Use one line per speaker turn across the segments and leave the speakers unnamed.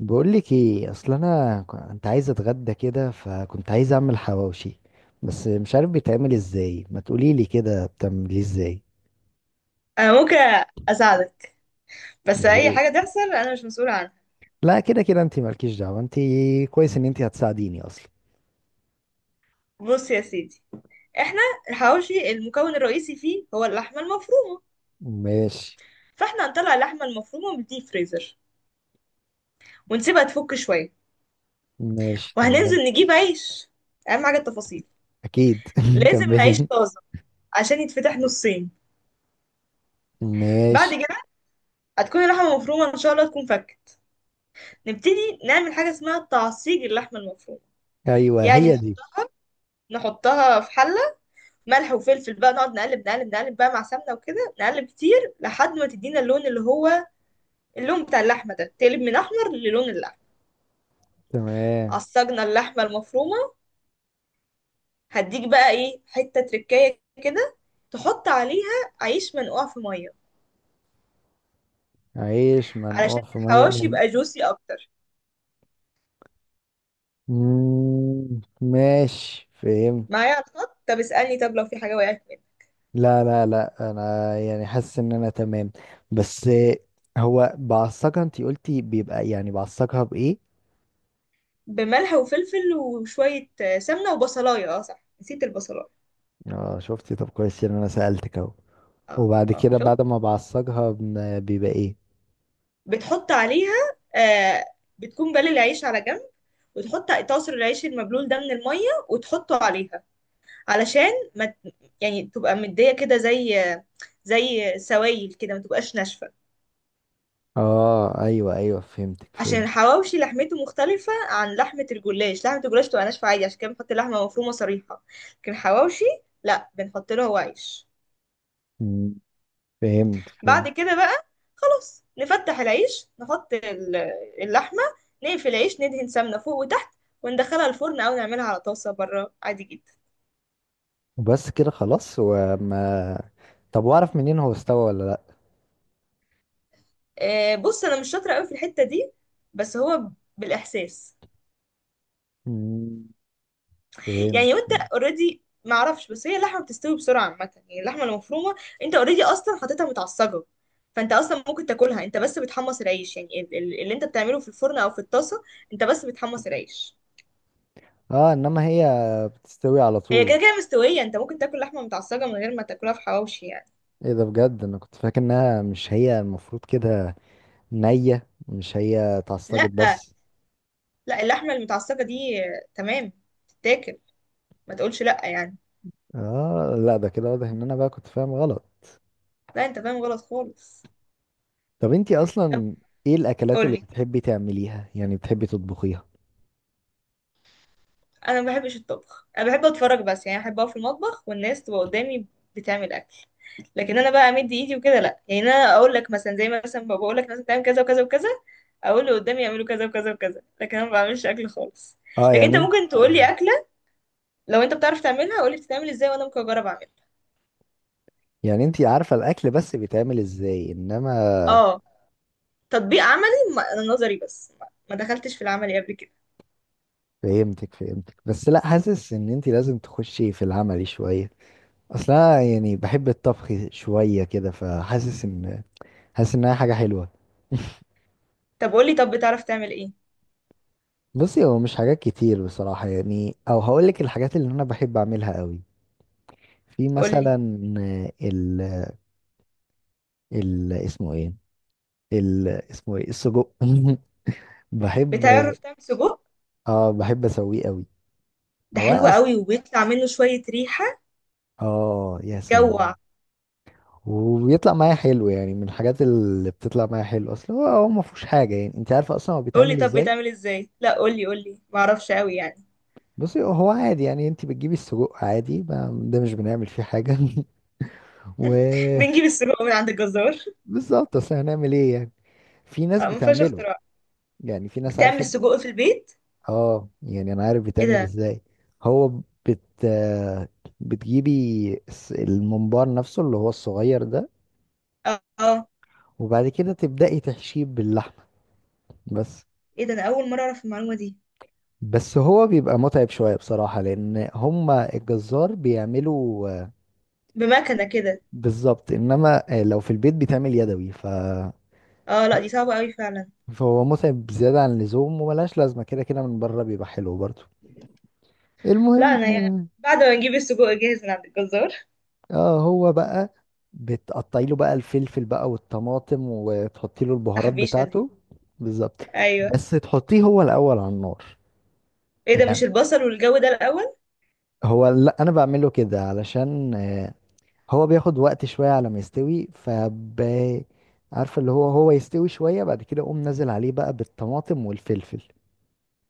بقول لك ايه، اصل انا كنت عايز اتغدى كده فكنت عايز اعمل حواوشي، بس مش عارف بيتعمل ازاي، ما تقولي لي كده بتعمليه ازاي؟
انا ممكن اساعدك، بس
يا
اي
ريت.
حاجه تحصل انا مش مسؤوله عنها.
لا كده كده انت مالكيش دعوه انت. كويس ان انت هتساعديني اصلا.
بص يا سيدي، احنا الحواوشي المكون الرئيسي فيه هو اللحمه المفرومه.
ماشي.
فاحنا هنطلع اللحمه المفرومه من الديب فريزر ونسيبها تفك شويه،
ماشي تمام.
وهننزل نجيب عيش. اهم حاجه التفاصيل،
اكيد.
لازم عيش
كملي.
طازه عشان يتفتح نصين. بعد
ماشي.
كده هتكون اللحمه المفرومه ان شاء الله تكون فكت. نبتدي نعمل حاجه اسمها تعصيج اللحمه المفرومه.
ايوه
يعني
هي
نح-
دي.
نحطها في حله، ملح وفلفل بقى، نقعد نقلب نقلب نقلب بقى مع سمنة وكده، نقلب كتير لحد ما تدينا اللون اللي هو اللون بتاع اللحمة، ده تقلب من أحمر للون اللحمة.
تمام.
عصجنا اللحمة المفرومة، هديك بقى إيه حتة تركاية كده، تحط عليها عيش منقوع في مية،
عيش منقوع
علشان
في ميه.
الحواوشي يبقى جوسي أكتر.
ماشي فهمت.
معايا على الخط؟ طب اسألني، طب لو في حاجة وقعت منك.
لا لا لا، انا يعني حاسس ان انا تمام. بس. هو بعصقها انتي قلتي بيبقى، يعني بعصقها بايه؟
بملح وفلفل وشوية سمنة وبصلاية، اه صح نسيت البصلاية.
اه شفتي؟ طب كويس ان انا سألتك اهو.
اه
وبعد
اه
كده،
شفت.
بعد ما بعصقها بيبقى ايه؟
بتحط عليها آه بتكون بالي العيش على جنب، وتحط تعصر العيش المبلول ده من المية وتحطه عليها، علشان ما ت- يعني تبقى مدية كده، زي زي سوائل كده، ما تبقاش ناشفة.
اه ايوه ايوه، فهمتك
عشان
فهمت.
الحواوشي لحمته مختلفة عن لحمة الجلاش. لحمة الجلاش تبقى ناشفة عادي، عشان كده بنحط لحمة مفرومة صريحة. لكن الحواوشي لا، بنحط له هو عيش.
مم، فهمت فهمت.
بعد كده بقى خلاص نفتح العيش، نحط اللحمة، نقفل العيش، ندهن سمنة فوق وتحت، وندخلها الفرن أو نعملها على طاسة بره عادي جدا.
وبس كده خلاص طب واعرف منين هو استوى ولا لا؟
بص انا مش شاطره قوي في الحته دي، بس هو بالاحساس.
مم، فهمت
يعني وانت
فهمت.
اوريدي ما اعرفش، بس هي اللحمه بتستوي بسرعه عامه، يعني اللحمه المفرومه انت اوريدي اصلا حاططها متعصجه، فانت اصلا ممكن تاكلها. انت بس بتحمص العيش، يعني اللي انت بتعمله في الفرن او في الطاسه، انت بس بتحمص العيش.
اه انما هي بتستوي على
هي كده
طول.
كده مستويه، انت ممكن تاكل لحمه متعصجه من غير ما تاكلها في حواوشي يعني.
ايه ده؟ بجد انا كنت فاكر انها مش هي المفروض كده. نية، مش هي اتعصجت
لا
بس.
لا، اللحمه المتعصجه دي تمام، تتاكل، ما تقولش لا يعني.
اه لا، ده كده واضح ان انا بقى كنت فاهم غلط.
لا انت فاهم غلط خالص.
طب انتي
طب
اصلا، ايه الاكلات اللي
قولي.
بتحبي تعمليها، يعني بتحبي تطبخيها؟
انا ما بحبش الطبخ، انا بحب اتفرج بس يعني، بحب اقف في المطبخ والناس تبقى قدامي بتعمل اكل، لكن انا بقى امد ايدي وكده لا. يعني انا اقول لك مثلا، زي ما مثلا بقول لك مثلا تعمل كذا وكذا وكذا، اقول اللي قدامي يعملوا كذا وكذا وكذا، لكن انا ما بعملش اكل خالص.
اه
لكن
يعني
انت
انت
ممكن تقول لي
مم.
اكله، لو انت بتعرف تعملها قول لي بتتعمل ازاي، وانا ممكن اجرب اعملها.
يعني انتي عارفة الاكل بس بيتعمل ازاي، انما...
اه، تطبيق عملي. انا نظري بس، ما دخلتش في العملي قبل كده.
فهمتك فهمتك، بس لا حاسس ان انتي لازم تخشي في العملي شوية. اصلا يعني بحب الطبخ شوية كده، فحاسس ان... حاسس انها حاجة حلوة.
طب قول لي، طب بتعرف تعمل ايه؟
بصي هو مش حاجات كتير بصراحة، يعني او هقولك الحاجات اللي انا بحب اعملها قوي. في
قول لي.
مثلا... ال، ال اسمه ايه، ال اسمه ايه، السجق. بحب.
بتعرف تعمل سجق؟
اه بحب اسويه قوي.
ده
هو
حلو
اصلا...
قوي، وبيطلع منه شويه ريحه
اه يا سلام.
تجوع.
وبيطلع معايا حلو، يعني من الحاجات اللي بتطلع معايا حلو اصلا. هو ما فيهوش حاجه، يعني انت عارفه اصلا هو
قولي
بيتعمل
طب
ازاي؟
بيتعمل ازاي؟ لا قولي قولي، ما اعرفش قوي يعني.
بصي هو عادي، يعني انت بتجيبي السجق عادي، ده مش بنعمل فيه حاجه. و
بنجيب السجق من عند الجزار.
بالظبط، اصل هنعمل ايه يعني؟ في ناس
اه ما فيهاش
بتعمله.
اختراع.
يعني في ناس
بتعمل
عارفه.
السجق في البيت؟
اه يعني انا عارف
ايه
بيتعمل
ده.
ازاي. هو بت آه، بتجيبي الممبار نفسه اللي هو الصغير ده.
اه
وبعد كده تبدأي تحشيه باللحمة. بس.
ايه ده، انا اول مره اعرف المعلومه دي.
بس هو بيبقى متعب شوية بصراحة، لأن هما الجزار بيعملوا.
بمكنه كده؟
بالظبط، إنما لو في البيت بيتعمل يدوي.
اه لا دي صعبه قوي فعلا.
فهو متعب زيادة عن اللزوم، وملهاش لازمة. كده كده من بره بيبقى حلو برضه.
لا انا يعني
المهم.
بعد ما نجيب السجق جاهز من عند الجزار.
اه هو بقى، بتقطعي له بقى الفلفل بقى والطماطم وتحطي له البهارات
تحبيشه دي؟
بتاعته. بالظبط.
ايوه.
بس تحطيه هو الاول على النار.
ايه ده،
يعني،
مش البصل والجو ده الاول؟
هو لا انا بعمله كده علشان. هو بياخد وقت شويه على ما يستوي. عارفه، اللي هو يستوي شويه. بعد كده اقوم نازل عليه بقى بالطماطم والفلفل.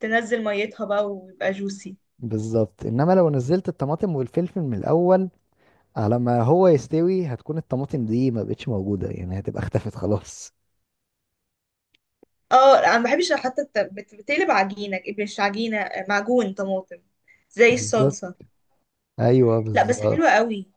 تنزل ميتها بقى ويبقى جوسي.
بالظبط، انما لو نزلت الطماطم والفلفل من الاول، على ما هو يستوي هتكون الطماطم دي ما بقتش موجوده، يعني هتبقى اختفت خلاص.
اه انا ما بحبش حتى بتقلب عجينه، مش عجينه، معجون طماطم، زي
بالظبط.
الصلصه.
ايوه
لا بس
بالظبط.
حلوه قوي.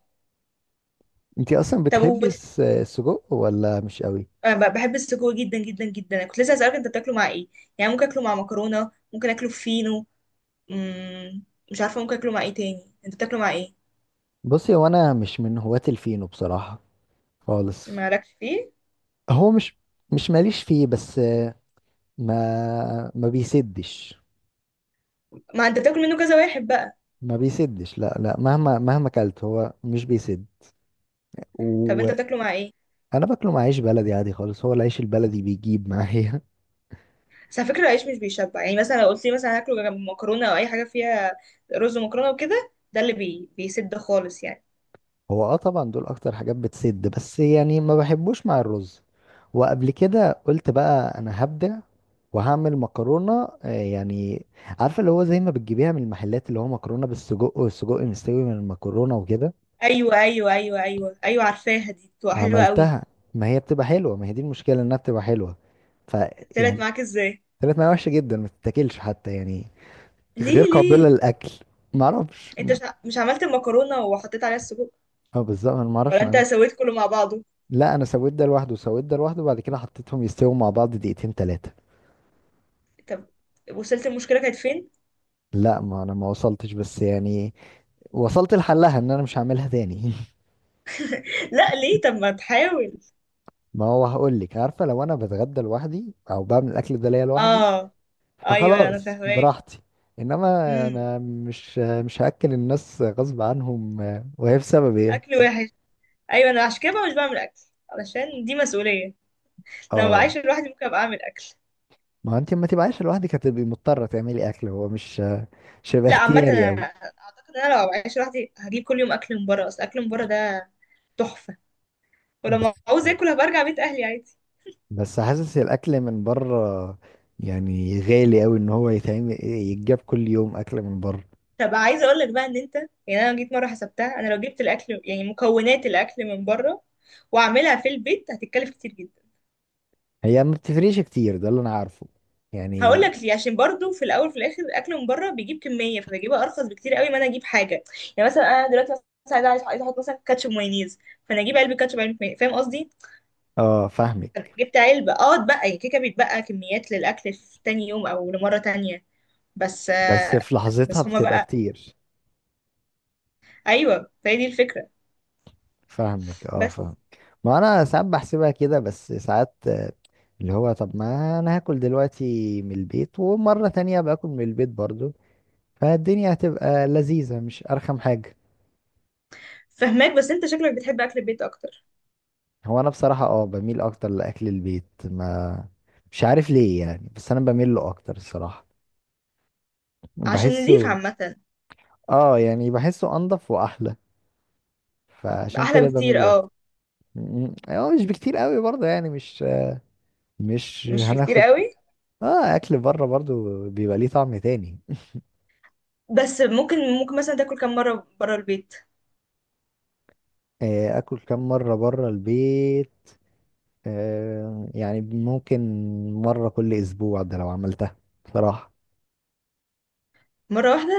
انتي اصلا
طب
بتحبي السجق ولا مش قوي؟
انا بحب السجق جدا جدا جدا. أنا كنت لسه هسألك انت بتاكله مع ايه. يعني ممكن اكله مع مكرونة، ممكن اكله في فينو. مم، مش عارفة ممكن اكله مع ايه تاني. انت بتاكله مع ايه؟
بصي هو انا مش من هواة الفينو بصراحة. خالص.
مالكش فيه؟
هو مش، ماليش فيه بس. ما بيسدش.
ما انت بتاكل منه كذا واحد بقى.
ما بيسدش، لا لا، مهما مهما اكلت هو مش بيسد.
طب انت
وانا...
بتاكله مع ايه؟
باكله مع عيش بلدي عادي خالص. هو العيش البلدي بيجيب معايا.
بس على فكرة العيش مش بيشبع، يعني مثلا لو قلت لي مثلا هاكله جنب مكرونة او اي حاجة فيها رز ومكرونة وكده، ده اللي بي... بيسد خالص يعني.
هو اه طبعا دول اكتر حاجات بتسد، بس يعني ما بحبوش مع الرز. وقبل كده قلت بقى انا هبدع، وهعمل مكرونه يعني، عارفه اللي هو زي ما بتجيبيها من المحلات، اللي هو مكرونه بالسجق والسجق مستوي من المكرونه وكده.
ايوه ايوه ايوه ايوه ايوه، عارفاها دي، بتبقى حلوة قوي.
عملتها. ما هي بتبقى حلوه. ما هي دي المشكله، انها بتبقى حلوه.
طلعت
فيعني...
معاك ازاي؟
طلعت معايا وحشه جدا، ما تتاكلش حتى يعني. غير
ليه
قابله
ليه؟
للاكل. ما اعرفش.
انت مش عملت المكرونة وحطيت عليها السجق،
اه بالظبط، انا ما اعرفش
ولا انت
انا.
سويت كله مع بعضه؟
لا انا سويت ده لوحده وسويت ده لوحده، وبعد كده حطيتهم يستووا مع بعض دقيقتين 3.
طب وصلت المشكلة كانت فين؟
لا ما انا ما وصلتش، بس يعني وصلت لحلها ان انا مش هعملها تاني.
لا ليه، طب ما تحاول.
ما هو هقول لك، عارفه لو انا بتغدى لوحدي او بعمل الاكل ده ليا لوحدي.
اه، ايوه انا
فخلاص
فاهماك.
براحتي. انما...
امم.
انا مش هاكل الناس غصب عنهم وهي بسبب ايه؟
اكل وحش. ايوه، انا عشان كده بقى مش بعمل اكل، علشان دي مسؤولية. لو
اه
بعيش لوحدي ممكن ابقى اعمل اكل.
ما هو انت ما تبقاش لوحدك هتبقي مضطره تعملي اكل، هو مش مش هيبقى
لا عامة
اختياري
انا
قوي.
اعتقد ان انا لو بعيش لوحدي هجيب كل يوم اكل من بره، اصل اكل من بره ده تحفة،
بس
ولما عاوز اكل هبقى ارجع بيت اهلي عادي.
بس حاسس الاكل من بره، يعني غالي قوي ان هو يتعمل يتجاب كل يوم اكل من بره.
طب عايزة اقول لك بقى ان انت، يعني انا جيت مرة حسبتها، انا لو جبت الاكل يعني مكونات الاكل من بره واعملها في البيت هتتكلف كتير جدا.
هي ما بتفرقش كتير، ده اللي انا عارفه
هقول
يعني.
لك ليه، عشان برضو في الاول وفي الاخر الاكل من بره بيجيب كميه، فبجيبها ارخص بكتير قوي ما انا اجيب حاجه. يعني مثلا انا دلوقتي مثلا عايزه عايزه عايزة احط مثلا كاتشب مايونيز، فانا اجيب علبه كاتشب علبه مايونيز، فاهم قصدي؟
اه
أنا
فاهمك،
جبت علبه اه اتبقى يعني كيكه، بيتبقى كميات للاكل في تاني يوم او لمره تانية بس.
بس في لحظتها
بس هما
بتبقى
بقى،
كتير.
ايوه، فهي دي الفكره.
فاهمك اه
بس
فاهم. ما انا ساعات بحسبها كده، بس ساعات. اللي هو، طب ما انا هاكل دلوقتي من البيت ومرة تانية باكل من البيت برضو، فالدنيا هتبقى لذيذة مش ارخم حاجة.
فهماك، بس انت شكلك بتحب اكل البيت اكتر،
هو انا بصراحة اه بميل اكتر لاكل البيت، ما مش عارف ليه يعني، بس انا بميل له اكتر الصراحة.
عشان نضيف
بحسه.
عامه.
اه يعني بحسه انضف واحلى، فعشان
احلى
كده بميل
بكتير.
له.
اه،
اه مش بكتير قوي برضه يعني، مش
مش بكتير
هناخد.
قوي.
اه اكل بره برضه بيبقى ليه طعم تاني.
بس ممكن ممكن مثلا تاكل كم مره بره البيت؟
اكل كام مره بره البيت. يعني ممكن، مره كل اسبوع، ده لو عملتها. بصراحه.
مره واحده؟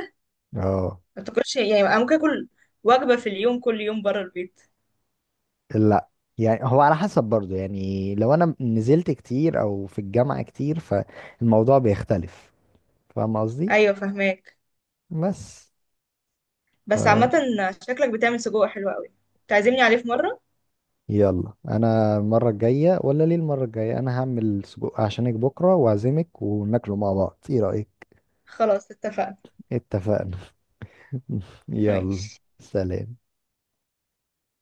اه
ما تاكلش يعني، انا ممكن اكل وجبه في اليوم كل يوم بره البيت.
لا، يعني هو على حسب برضه، يعني لو انا نزلت كتير او في الجامعه كتير فالموضوع بيختلف. فاهم قصدي؟
ايوه فهماك.
بس...
بس عامه شكلك بتعمل سجق حلو قوي. تعزمني عليه في مره.
يلا، انا المره الجايه، ولا ليه المره الجايه انا هعمل سجق عشانك بكره واعزمك وناكله مع بعض، ايه رايك؟
خلاص اتفقنا.
اتفقنا. يلا.
ماشي.
سلام.